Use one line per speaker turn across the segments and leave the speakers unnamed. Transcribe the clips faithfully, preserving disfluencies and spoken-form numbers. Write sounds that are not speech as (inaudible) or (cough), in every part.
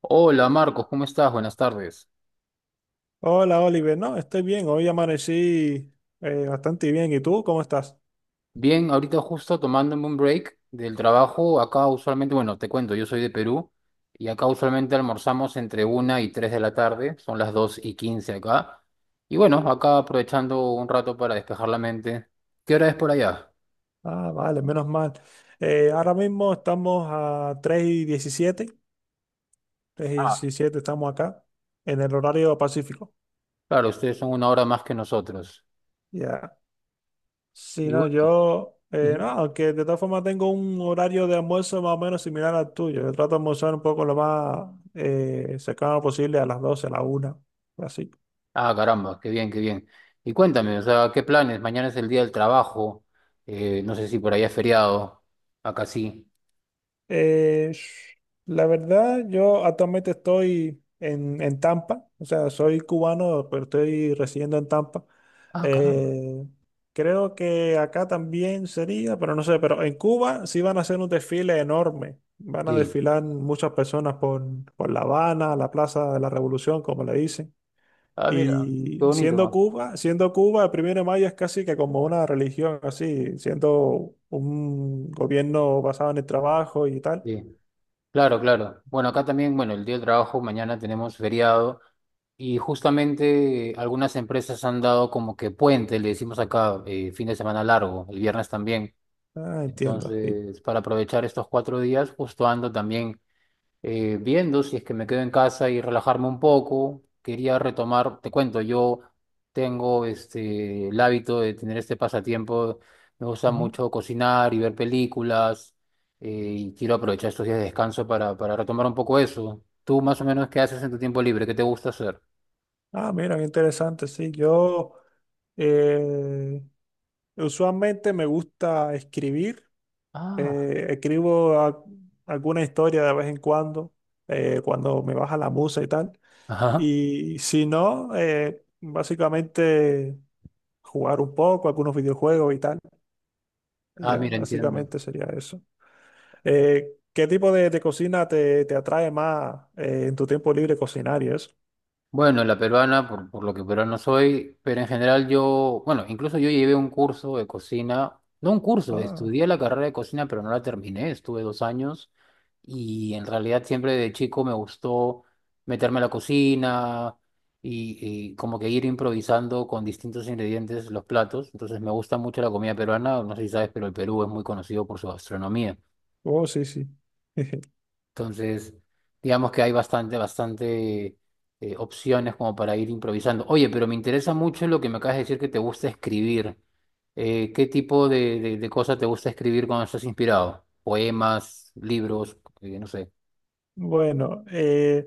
Hola Marcos, ¿cómo estás? Buenas tardes.
Hola, Oliver. No, estoy bien. Hoy amanecí eh, bastante bien. ¿Y tú cómo estás?
Bien, ahorita justo tomándome un break del trabajo. Acá usualmente, bueno, te cuento, yo soy de Perú y acá usualmente almorzamos entre una y tres de la tarde, son las dos y quince acá. Y bueno, acá aprovechando un rato para despejar la mente. ¿Qué hora es por allá?
Ah, vale, menos mal. Eh, ahora mismo estamos a tres y diecisiete. Tres y
Ah,
diecisiete estamos acá, en el horario pacífico.
claro, ustedes son una hora más que nosotros.
Ya. Sí,
Y
no,
bueno,
yo. Eh, no,
ujú.
aunque de todas formas tengo un horario de almuerzo más o menos similar al tuyo. Yo trato de almorzar un poco lo más eh, cercano posible a las doce, a la una. Así.
Ah, caramba, qué bien, qué bien. Y cuéntame, o sea, ¿qué planes? Mañana es el día del trabajo, eh, no sé si por allá es feriado, acá sí.
Eh, sh- la verdad, yo actualmente estoy en, en Tampa, o sea, soy cubano, pero estoy residiendo en Tampa.
Ah, caramba.
Eh, creo que acá también sería, pero no sé, pero en Cuba sí van a hacer un desfile enorme. Van a
Sí.
desfilar muchas personas por, por La Habana, la Plaza de la Revolución, como le dicen.
Ah, mira, qué
Y siendo
bonito.
Cuba, siendo Cuba, el primero de mayo es casi que como una religión, así, siendo un gobierno basado en el trabajo y tal.
Sí. Claro, claro. Bueno, acá también, bueno, el día del trabajo, mañana tenemos feriado y justamente eh, algunas empresas han dado como que puente, le decimos acá, eh, fin de semana largo, el viernes también.
Ah, entiendo, sí.
Entonces, para aprovechar estos cuatro días, justo ando también. eh, viendo si es que me quedo en casa y relajarme un poco. Quería retomar, te cuento, yo tengo este, el hábito de tener este pasatiempo. Me gusta
Ujú.
mucho cocinar y ver películas eh, y quiero aprovechar estos días de descanso para, para retomar un poco eso. ¿Tú más o menos qué haces en tu tiempo libre? ¿Qué te gusta hacer?
Ah, mira, qué interesante. Sí, yo eh, usualmente me gusta escribir.
Ah,
eh, escribo a- alguna historia de vez en cuando, eh, cuando me baja la musa y tal.
ajá.
Y si no, eh, básicamente jugar un poco, algunos videojuegos y tal. Y
Ah,
ya,
mira, entiendo.
básicamente sería eso. Eh, ¿qué tipo de, de cocina te, te atrae más eh, en tu tiempo libre cocinar y eso?
Bueno, la peruana, por, por lo que peruano soy, pero en general yo, bueno, incluso yo llevé un curso de cocina, no un curso,
Ah,
estudié la carrera de cocina, pero no la terminé, estuve dos años y en realidad siempre de chico me gustó meterme a la cocina y, y como que ir improvisando con distintos ingredientes los platos, entonces me gusta mucho la comida peruana, no sé si sabes, pero el Perú es muy conocido por su gastronomía.
oh, sí, sí. (laughs)
Entonces, digamos que hay bastante, bastante eh, opciones como para ir improvisando. Oye, pero me interesa mucho lo que me acabas de decir que te gusta escribir. Eh, ¿qué tipo de, de, de cosas te gusta escribir cuando estás inspirado? Poemas, libros, eh, no sé.
Bueno, eh,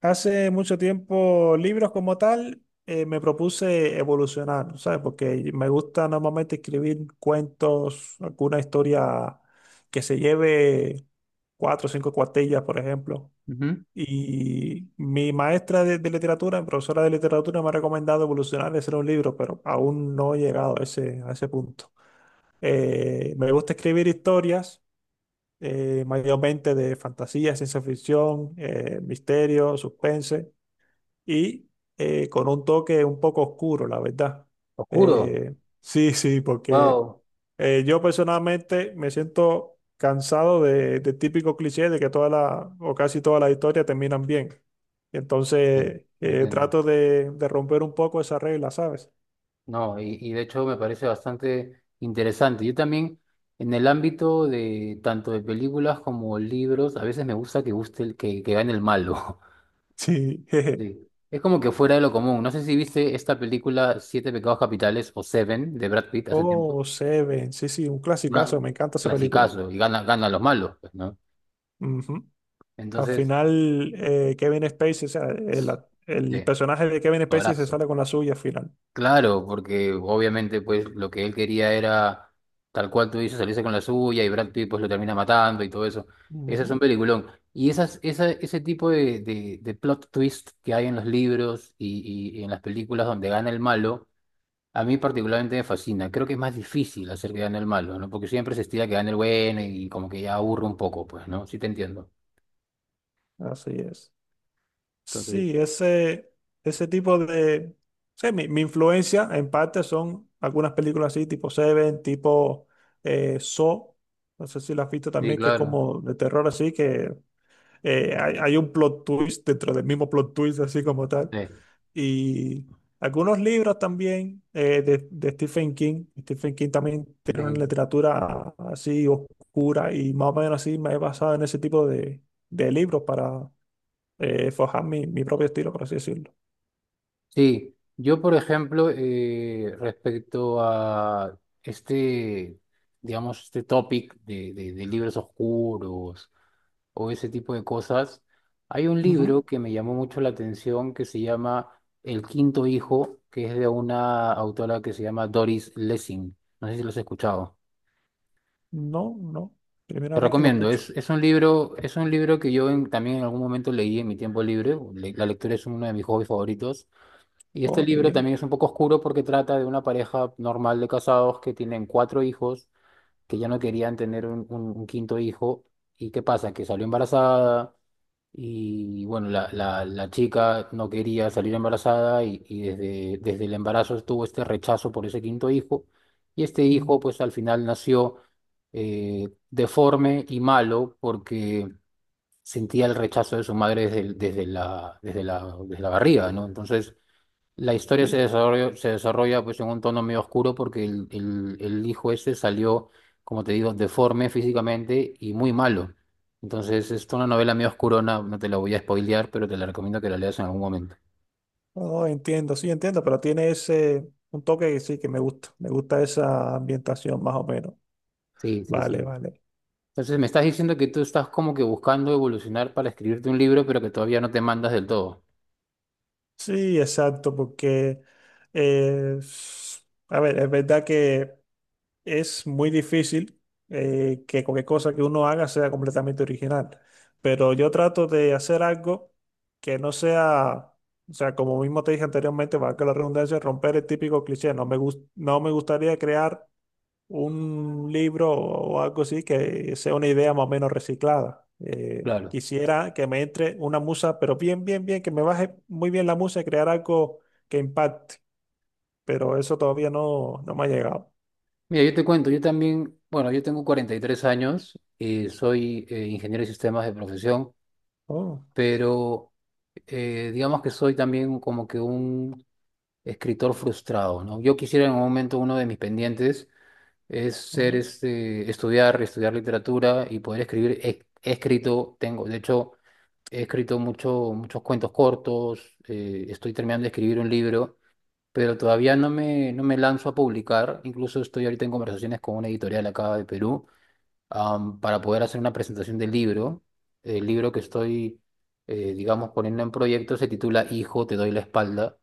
hace mucho tiempo libros como tal eh, me propuse evolucionar, ¿sabes? Porque me gusta normalmente escribir cuentos, alguna historia que se lleve cuatro o cinco cuartillas, por ejemplo.
Ujú.
Y mi maestra de, de literatura, mi profesora de literatura, me ha recomendado evolucionar y hacer un libro, pero aún no he llegado a ese, a ese punto. Eh, me gusta escribir historias eh, mayormente de fantasía, ciencia ficción, eh, misterio, suspense y eh, con un toque un poco oscuro, la verdad.
Oscuro.
Eh, sí, sí, porque
Wow.
eh, yo personalmente me siento cansado de, de típico cliché de que toda la o casi todas las historias terminan bien. Y
Sí,
entonces eh,
entiendo.
trato de, de romper un poco esa regla, ¿sabes?
No, y, y de hecho me parece bastante interesante. Yo también, en el ámbito de tanto de películas como libros, a veces me gusta que guste el, que, que gane el malo.
Sí. (laughs) jeje.
Sí. Es como que fuera de lo común. No sé si viste esta película Siete Pecados Capitales o Seven de Brad Pitt hace tiempo.
Oh, Seven, sí, sí, un
Ga-
clasicazo, me encanta esa película.
Clasicazo, y gana, gana a los malos, pues, ¿no?
Ujú. Al
Entonces,
final, eh, Kevin Spacey, o sea, el, el
sí,
personaje de Kevin Spacey se
abrazo.
sale con la suya al final.
Claro, porque obviamente pues lo que él quería era, tal cual tú dices, salirse con la suya y Brad Pitt pues lo termina matando y todo eso. Ese es
Ujú,
un peliculón. Y esas, esa, ese tipo de, de, de plot twist que hay en los libros y, y y en las películas donde gana el malo. A mí particularmente me fascina. Creo que es más difícil hacer que gane el malo, ¿no? Porque siempre se estila que gane el bueno y como que ya aburre un poco, pues, ¿no? Sí te entiendo.
así es.
Entonces,
Sí, ese, ese tipo de... Sí, mi, mi influencia en parte son algunas películas así, tipo Seven, tipo eh, Saw. No sé si la has visto
sí,
también, que es
claro.
como de terror así, que eh, hay, hay un plot twist dentro del mismo plot twist así como tal.
Sí,
Y algunos libros también eh, de, de Stephen King. Stephen King también tiene una
sí.
literatura así oscura y más o menos así me he basado en ese tipo de, de libros para eh, forjar mi, mi propio estilo, por así decirlo.
Sí. Yo, por ejemplo, eh, respecto a este, digamos, este topic de, de, de libros oscuros o ese tipo de cosas. Hay un
Ujú.
libro que me llamó mucho la atención que se llama El Quinto Hijo, que es de una autora que se llama Doris Lessing. No sé si lo has escuchado.
No, no.
Te
Primera vez que lo
recomiendo,
escucho.
es, es un libro, es un libro que yo en- también en algún momento leí en mi tiempo libre. Le- la lectura es uno de mis hobbies favoritos. Y este
Oh, qué
libro
bien.
también es un poco oscuro porque trata de una pareja normal de casados que tienen cuatro hijos, que ya no querían tener un, un un quinto hijo. ¿Y qué pasa? Que salió embarazada. Y bueno, la, la, la chica no quería salir embarazada y, y desde, desde el embarazo tuvo este rechazo por ese quinto hijo. Y este
Mm,
hijo pues al final nació eh, deforme y malo porque sentía el rechazo de su madre desde, el- desde la, desde la, desde la barriga, ¿no? Entonces la historia
sí.
se desarrolla, se desarrolla pues en un tono medio oscuro porque el, el- el hijo este salió, como te digo, deforme físicamente y muy malo. Entonces es una novela medio oscurona, no te la voy a spoilear, pero te la recomiendo que la leas en algún momento.
Oh, entiendo, sí, entiendo, pero tiene ese, un toque que sí, que me gusta. Me gusta esa ambientación más o menos.
Sí, sí,
Vale,
sí.
vale.
Entonces me estás diciendo que tú estás como que buscando evolucionar para escribirte un libro, pero que todavía no te mandas del todo.
Sí, exacto, porque, eh, s- a ver, es verdad que es muy difícil eh, que cualquier cosa que uno haga sea completamente original, pero yo trato de hacer algo que no sea, o sea, como mismo te dije anteriormente, valga la redundancia, romper el típico cliché. No me gus- no me gustaría crear un libro o algo así que sea una idea más o menos reciclada. Eh,
Claro.
quisiera que me entre una musa, pero bien, bien, bien, que me baje muy bien la musa y crear algo que impacte, pero eso todavía no, no me ha llegado.
Mira, yo te cuento, yo también, bueno, yo tengo cuarenta y tres años, eh, soy eh, ingeniero de sistemas de profesión,
Oh,
pero... eh, digamos que soy también como que un escritor frustrado, ¿no? Yo quisiera en un momento uno de mis pendientes es ser
oh,
este, estudiar, estudiar literatura y poder escribir. He, he escrito, tengo, de hecho, he escrito mucho, muchos cuentos cortos, eh, estoy terminando de escribir un libro, pero todavía no me, no me lanzo a publicar. Incluso estoy ahorita en conversaciones con una editorial acá de Perú am, para poder hacer una presentación del libro. El libro que estoy, eh, digamos, poniendo en proyecto se titula Hijo, te doy la espalda.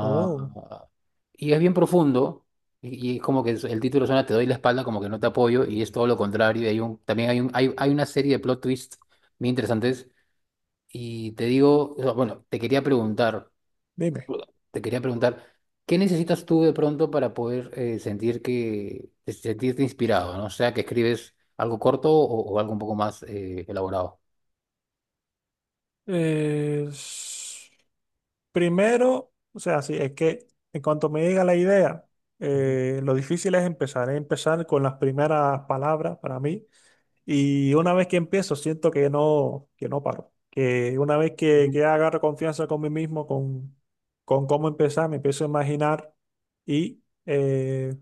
oh,
y es bien profundo. Y, y como que es- el título suena Te doy la espalda, como que no te apoyo, y es todo lo contrario. Y hay un, también hay, un, hay, hay, una serie de plot twists muy interesantes. Y te digo, o sea, bueno, te quería preguntar.
dime.
Te quería preguntar, ¿qué necesitas tú de pronto para poder eh, sentir que, sentirte inspirado, ¿no? O sea, que escribes algo corto o, o algo un poco más eh, elaborado.
Eh, s- primero, o sea, sí, es que en cuanto me llega la idea,
Ujú,
eh, lo difícil es empezar, es empezar con las primeras palabras para mí. Y una vez que empiezo, siento que no, que no paro. Que una vez que,
ujú,
que agarro confianza con mí mismo, con, con cómo empezar, me empiezo a imaginar y eh,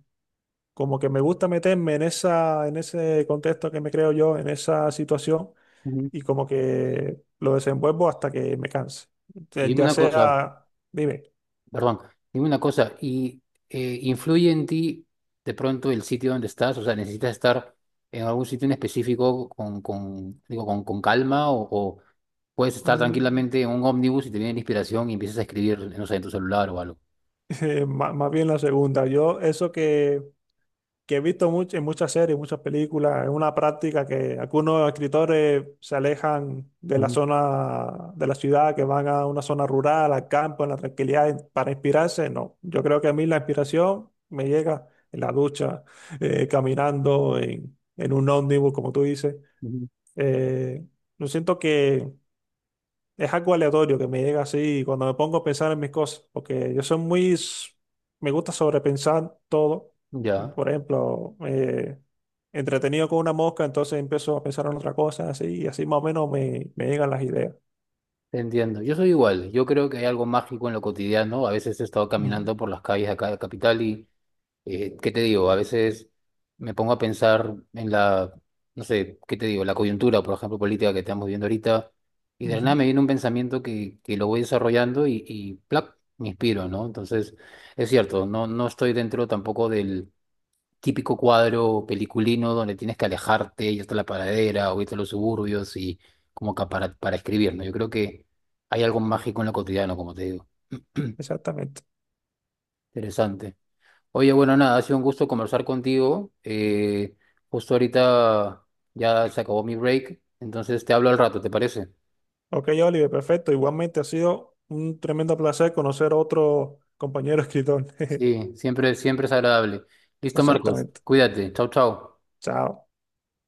como que me gusta meterme en esa, en ese contexto que me creo yo, en esa situación,
ujú.
y como que lo desenvuelvo hasta que me canse.
Y
Entonces,
dime
ya
una cosa,
sea, dime.
perdón, dime una cosa, ¿y eh, influye en ti de pronto el sitio donde estás? O sea, ¿necesitas estar en algún sitio en específico con, con, digo, con, con calma o, o puedes estar
mm,
tranquilamente en un ómnibus y te viene la inspiración y empiezas a escribir, no sé, en tu celular o algo?
(laughs) eh, má- más bien la segunda. Yo, eso que que he visto mucho, en muchas series, muchas películas, es una práctica que algunos escritores se alejan de la
Ujú,
zona de la ciudad, que van a una zona rural, al campo, en la tranquilidad, en- para inspirarse. No, yo creo que a mí la inspiración me llega en la ducha, eh, caminando, en, en un ómnibus, como tú dices.
ujú.
Eh, yo siento que es algo aleatorio que me llega así cuando me pongo a pensar en mis cosas, porque yo soy muy, s- me gusta sobrepensar todo.
Ya.
Por ejemplo, eh, entretenido con una mosca, entonces empiezo a pensar en otra cosa, así, y así más o menos me, me llegan las ideas.
Te entiendo. Yo soy igual. Yo creo que hay algo mágico en lo cotidiano. A veces he estado
Mm,
caminando por las calles de acá de Capital y, eh, ¿qué te digo? A veces me pongo a pensar en la, no sé, ¿qué te digo? La coyuntura, por ejemplo, política que estamos viviendo ahorita. Y de la nada
ujú.
me viene un pensamiento que, que lo voy desarrollando y, y ¡plac! Me inspiro, ¿no? Entonces, es cierto, no, no estoy dentro tampoco del típico cuadro peliculino donde tienes que alejarte, y hasta la paradera o irte a los suburbios y como que para, para escribir, ¿no? Yo creo que hay algo mágico en lo cotidiano, como te digo. (clears throat)
Exactamente.
Interesante. Oye, bueno, nada, ha sido un gusto conversar contigo. Eh, justo ahorita ya se acabó mi break, entonces te hablo al rato, ¿te parece?
Ok, Oliver, perfecto. Igualmente ha sido un tremendo placer conocer a otro compañero escritor. (laughs)
Sí, siempre, siempre es agradable. Listo, Marcos,
Exactamente.
cuídate. Chau, chau.
Chao.